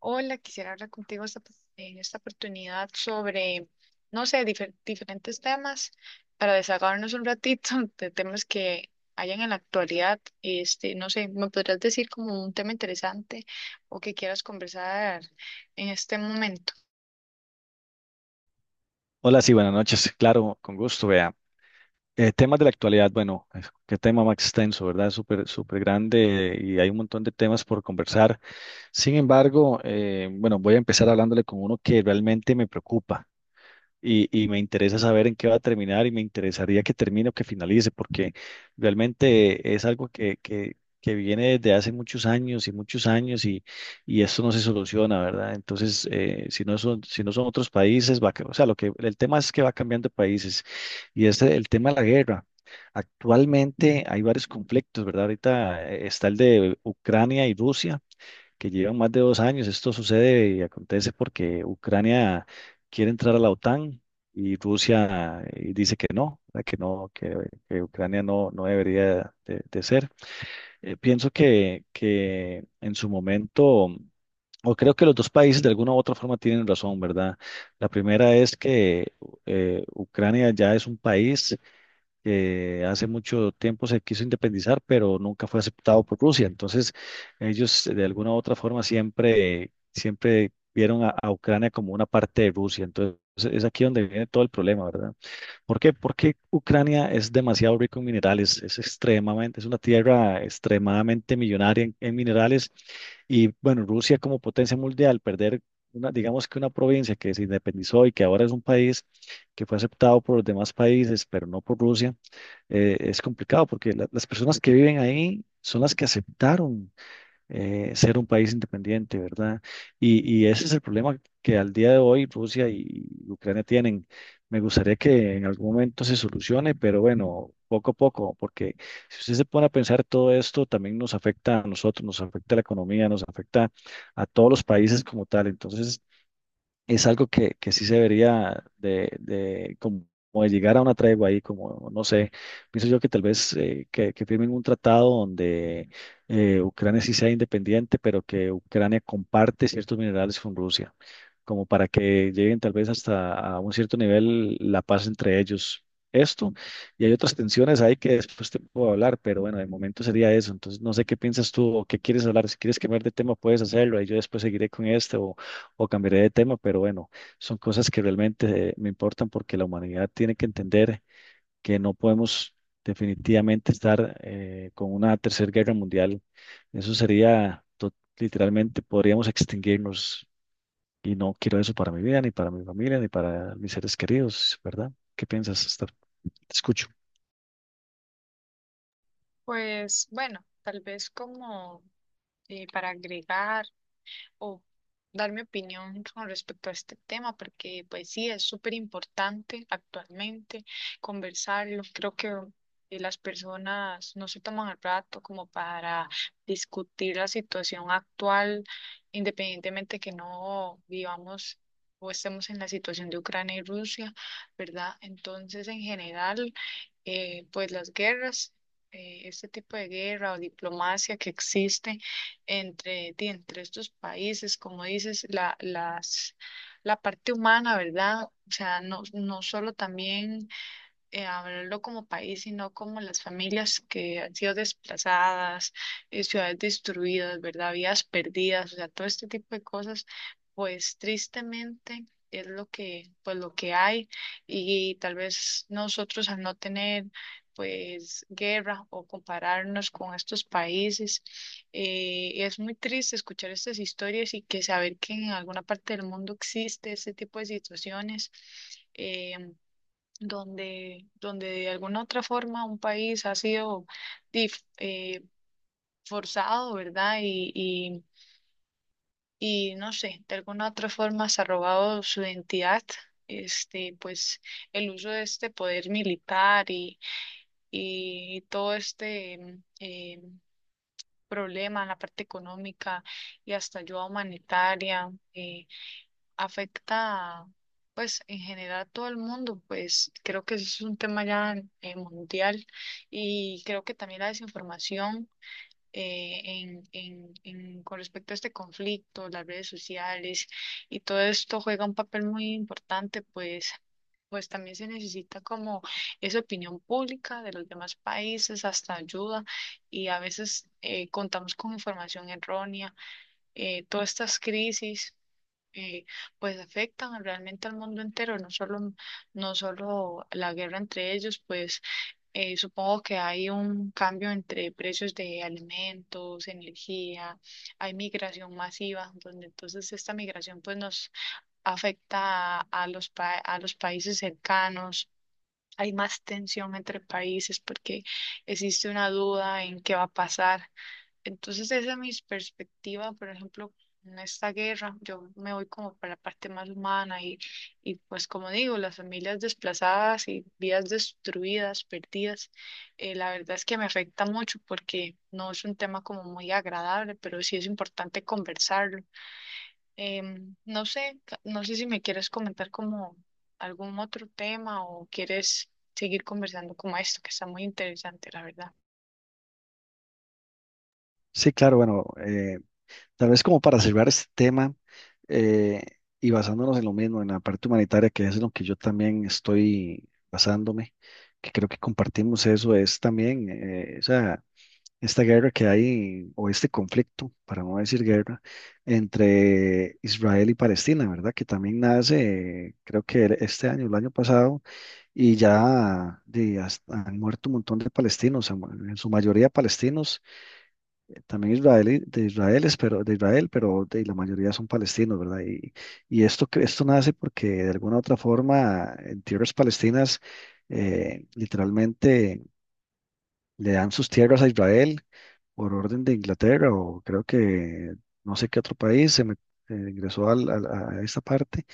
Hola, quisiera hablar contigo en esta oportunidad sobre, no sé, diferentes temas para desahogarnos un ratito de temas que hayan en la actualidad. No sé, ¿me podrías decir como un tema interesante o que quieras conversar en este momento? Hola, sí, buenas noches. Claro, con gusto, vea. Temas de la actualidad, bueno, qué tema más extenso, ¿verdad? Súper, súper grande y hay un montón de temas por conversar. Sin embargo, bueno, voy a empezar hablándole con uno que realmente me preocupa y me interesa saber en qué va a terminar y me interesaría que termine o que finalice, porque realmente es algo que viene desde hace muchos años y muchos años y esto no se soluciona, ¿verdad? Entonces, si no son, si no son otros países, va, o sea, lo que, el tema es que va cambiando de países y es el tema de la guerra. Actualmente hay varios conflictos, ¿verdad? Ahorita está el de Ucrania y Rusia que llevan más de dos años. Esto sucede y acontece porque Ucrania quiere entrar a la OTAN y Rusia dice que no, ¿verdad? Que no, que Ucrania no, no debería de ser. Pienso que en su momento, o creo que los dos países de alguna u otra forma tienen razón, ¿verdad? La primera es que Ucrania ya es un país que hace mucho tiempo se quiso independizar, pero nunca fue aceptado por Rusia. Entonces, ellos de alguna u otra forma siempre, siempre vieron a Ucrania como una parte de Rusia. Entonces, es aquí donde viene todo el problema, ¿verdad? ¿Por qué? Porque Ucrania es demasiado rico en minerales, es extremadamente, es una tierra extremadamente millonaria en minerales y bueno, Rusia como potencia mundial, perder una, digamos que una provincia que se independizó y que ahora es un país que fue aceptado por los demás países, pero no por Rusia, es complicado porque las personas que viven ahí son las que aceptaron ser un país independiente, ¿verdad? Y ese es el problema que al día de hoy Rusia y Ucrania tienen. Me gustaría que en algún momento se solucione, pero bueno, poco a poco, porque si usted se pone a pensar todo esto, también nos afecta a nosotros, nos afecta a la economía, nos afecta a todos los países como tal. Entonces, es algo que sí se debería de como de llegar a una tregua ahí, como no sé, pienso yo que tal vez que firmen un tratado donde Ucrania sí sea independiente, pero que Ucrania comparte ciertos minerales con Rusia, como para que lleguen tal vez hasta a un cierto nivel la paz entre ellos. Esto, y hay otras tensiones ahí que después te puedo hablar, pero bueno, de momento sería eso. Entonces, no sé qué piensas tú o qué quieres hablar. Si quieres cambiar de tema, puedes hacerlo y yo después seguiré con este o cambiaré de tema, pero bueno, son cosas que realmente me importan porque la humanidad tiene que entender que no podemos definitivamente estar con una tercera guerra mundial. Eso sería, literalmente, podríamos extinguirnos y no quiero eso para mi vida, ni para mi familia, ni para mis seres queridos, ¿verdad? ¿Qué piensas, Esther? Te escucho. Pues bueno, tal vez como para agregar, o dar mi opinión con respecto a este tema, porque pues sí, es súper importante actualmente conversarlo. Creo que las personas no se toman el rato como para discutir la situación actual, independientemente que no vivamos o estemos en la situación de Ucrania y Rusia, ¿verdad? Entonces, en general, pues las guerras, este tipo de guerra o diplomacia que existe entre estos países, como dices, la parte humana, ¿verdad? O sea, no, no solo también hablarlo como país, sino como las familias que han sido desplazadas, ciudades destruidas, ¿verdad? Vidas perdidas, o sea, todo este tipo de cosas, pues tristemente es lo pues lo que hay. Y tal vez nosotros al no tener pues guerra o compararnos con estos países, es muy triste escuchar estas historias y que saber que en alguna parte del mundo existe este tipo de situaciones. eh, donde de alguna otra forma un país ha sido dif- eh, forzado, ¿verdad? Y no sé, de alguna otra forma se ha robado su identidad, pues el uso de este poder militar y todo este problema en la parte económica y hasta ayuda humanitaria. Afecta, pues, en general a todo el mundo, pues creo que eso es un tema ya mundial. Y creo que también la desinformación con respecto a este conflicto, las redes sociales y todo esto juega un papel muy importante, pues. Pues también se necesita como esa opinión pública de los demás países, hasta ayuda, y a veces contamos con información errónea, todas estas crisis eh, pues afectan realmente al mundo entero, no solo, no solo la guerra entre ellos, pues supongo que hay un cambio entre precios de alimentos, energía, hay migración masiva, donde entonces esta migración pues nos afecta a a los países cercanos. Hay más tensión entre países porque existe una duda en qué va a pasar. Entonces esa es mi perspectiva, por ejemplo, en esta guerra, yo me voy como para la parte más humana y pues como digo, las familias desplazadas y vidas destruidas, perdidas, la verdad es que me afecta mucho porque no es un tema como muy agradable, pero sí es importante conversarlo. No sé, no sé si me quieres comentar como algún otro tema o quieres seguir conversando como esto, que está muy interesante, la verdad. Sí, claro, bueno, tal vez como para cerrar este tema, eh, y basándonos en lo mismo, en la parte humanitaria, que es en lo que yo también estoy basándome, que creo que compartimos eso, es también o sea, esta guerra que hay, o este conflicto, para no decir guerra, entre Israel y Palestina, ¿verdad? Que también nace, creo que este año, el año pasado, y ya de, han muerto un montón de palestinos, en su mayoría palestinos, también israelí, de Israel, pero, de Israel, pero de, la mayoría son palestinos, ¿verdad? Y esto, esto nace porque de alguna u otra forma en tierras palestinas, literalmente le dan sus tierras a Israel por orden de Inglaterra o creo que no sé qué otro país ingresó a esta parte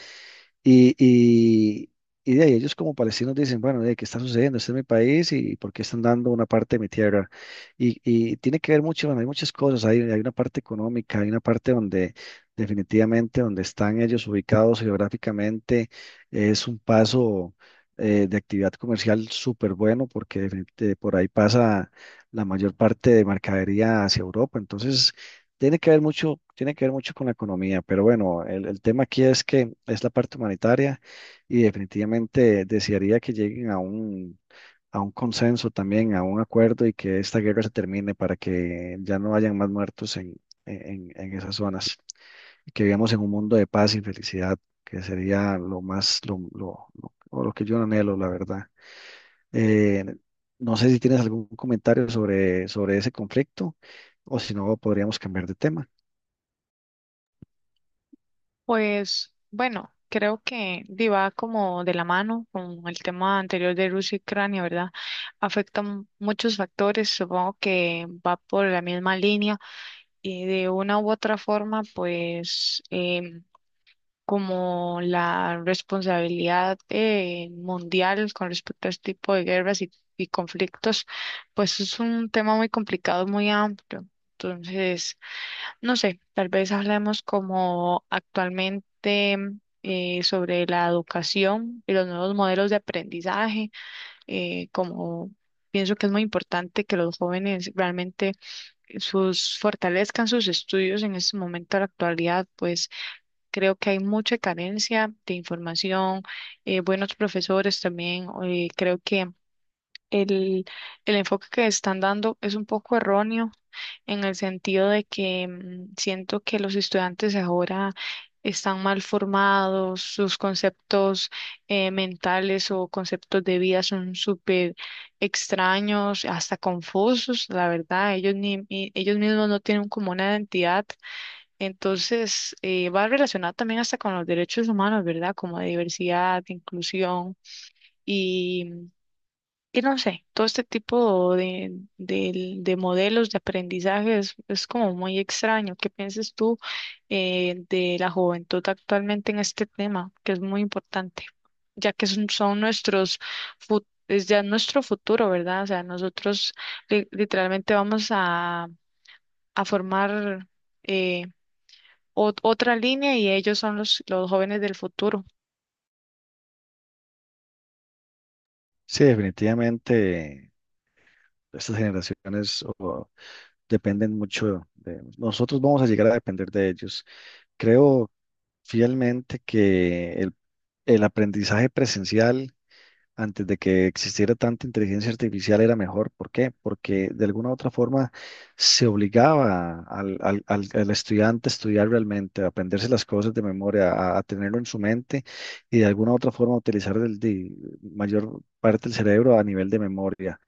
y, y, y de ahí ellos como palestinos dicen, bueno, de qué está sucediendo, este es mi país y por qué están dando una parte de mi tierra. Y tiene que ver mucho, bueno, hay muchas cosas, hay una parte económica, hay una parte donde definitivamente donde están ellos ubicados geográficamente es un paso de actividad comercial súper bueno porque por ahí pasa la mayor parte de mercadería hacia Europa. Entonces tiene que ver mucho, tiene que ver mucho con la economía, pero bueno, el tema aquí es que es la parte humanitaria y definitivamente desearía que lleguen a un consenso también, a un acuerdo y que esta guerra se termine para que ya no hayan más muertos en esas zonas y que vivamos en un mundo de paz y felicidad, que sería lo más, lo, o lo que yo anhelo, la verdad. Eh, no sé si tienes algún comentario sobre, sobre ese conflicto o si no, podríamos cambiar de tema. Pues bueno, creo que di, va como de la mano con el tema anterior de Rusia y Ucrania, ¿verdad? Afectan muchos factores, supongo que va por la misma línea y de una u otra forma, pues como la responsabilidad mundial con respecto a este tipo de guerras y conflictos, pues es un tema muy complicado, muy amplio. Entonces... No sé, tal vez hablemos como actualmente sobre la educación y los nuevos modelos de aprendizaje, como pienso que es muy importante que los jóvenes realmente sus fortalezcan sus estudios en este momento de la actualidad, pues creo que hay mucha carencia de información, buenos profesores también, creo que el, el enfoque que están dando es un poco erróneo en el sentido de que siento que los estudiantes ahora están mal formados, sus conceptos mentales o conceptos de vida son súper extraños, hasta confusos, la verdad, ellos, ellos mismos no tienen como una identidad, entonces va relacionado también hasta con los derechos humanos, ¿verdad? Como de diversidad, de inclusión. Y no sé, todo este tipo de, de modelos de aprendizaje es como muy extraño. ¿Qué piensas tú de la juventud actualmente en este tema, que es muy importante, ya que son, son nuestros, es ya nuestro futuro, ¿verdad? O sea, nosotros literalmente vamos a formar eh, otra línea y ellos son los jóvenes del futuro. Sí, definitivamente estas generaciones o, dependen mucho de nosotros, vamos a llegar a depender de ellos. Creo fielmente que el aprendizaje presencial antes de que existiera tanta inteligencia artificial era mejor. ¿Por qué? Porque de alguna u otra forma se obligaba al, al estudiante a estudiar realmente, a aprenderse las cosas de memoria, a tenerlo en su mente y de alguna u otra forma utilizar el, de mayor parte del cerebro a nivel de memoria.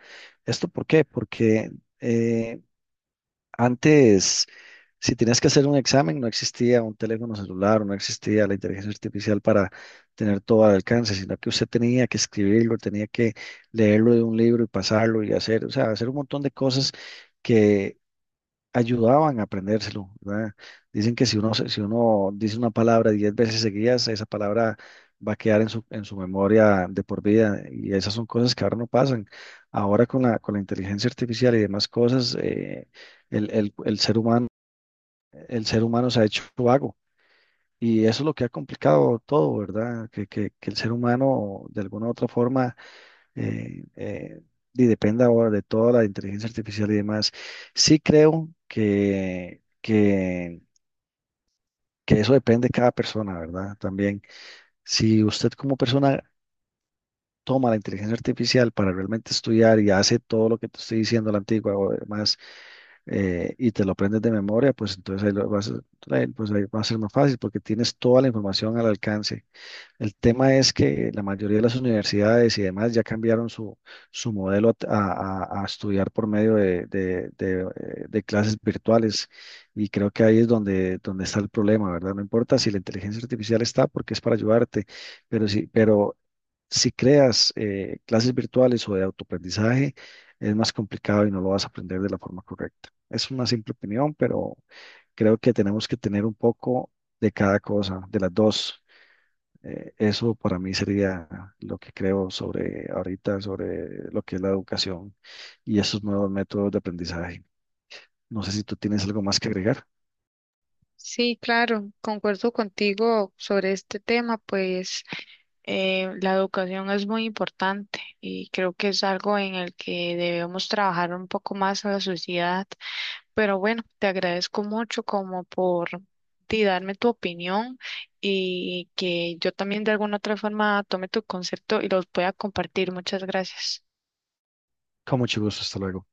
¿Esto por qué? Porque eh, antes, si tenías que hacer un examen, no existía un teléfono celular, no existía la inteligencia artificial para tener todo al alcance, sino que usted tenía que escribirlo, tenía que leerlo de un libro y pasarlo y hacer, o sea, hacer un montón de cosas que ayudaban a aprendérselo, ¿verdad? Dicen que si uno, si uno dice una palabra diez veces seguidas, esa palabra va a quedar en su memoria de por vida y esas son cosas que ahora no pasan. Ahora con la inteligencia artificial y demás cosas, el ser humano, el ser humano se ha hecho vago y eso es lo que ha complicado todo, ¿verdad? Que el ser humano de alguna u otra forma eh, eh, y dependa ahora de toda la inteligencia artificial y demás. Sí creo que eso depende de cada persona, ¿verdad? También, si usted como persona toma la inteligencia artificial para realmente estudiar y hace todo lo que te estoy diciendo, la antigua o demás, y te lo aprendes de memoria, pues entonces ahí lo vas a, ahí, pues ahí va a ser más fácil porque tienes toda la información al alcance. El tema es que la mayoría de las universidades y demás ya cambiaron su, su modelo a, a estudiar por medio de, de clases virtuales y creo que ahí es donde, donde está el problema, ¿verdad? No importa si la inteligencia artificial está porque es para ayudarte, pero sí, pero si creas clases virtuales o de autoaprendizaje, es más complicado y no lo vas a aprender de la forma correcta. Es una simple opinión, pero creo que tenemos que tener un poco de cada cosa, de las dos. Eso para mí sería lo que creo sobre ahorita, sobre lo que es la educación y esos nuevos métodos de aprendizaje. No sé si tú tienes algo más que agregar. Sí, claro, concuerdo contigo sobre este tema, pues la educación es muy importante y creo que es algo en el que debemos trabajar un poco más a la sociedad. Pero bueno, te agradezco mucho como por ti darme tu opinión y que yo también de alguna otra forma tome tu concepto y los pueda compartir. Muchas gracias. Con mucho gusto, hasta luego.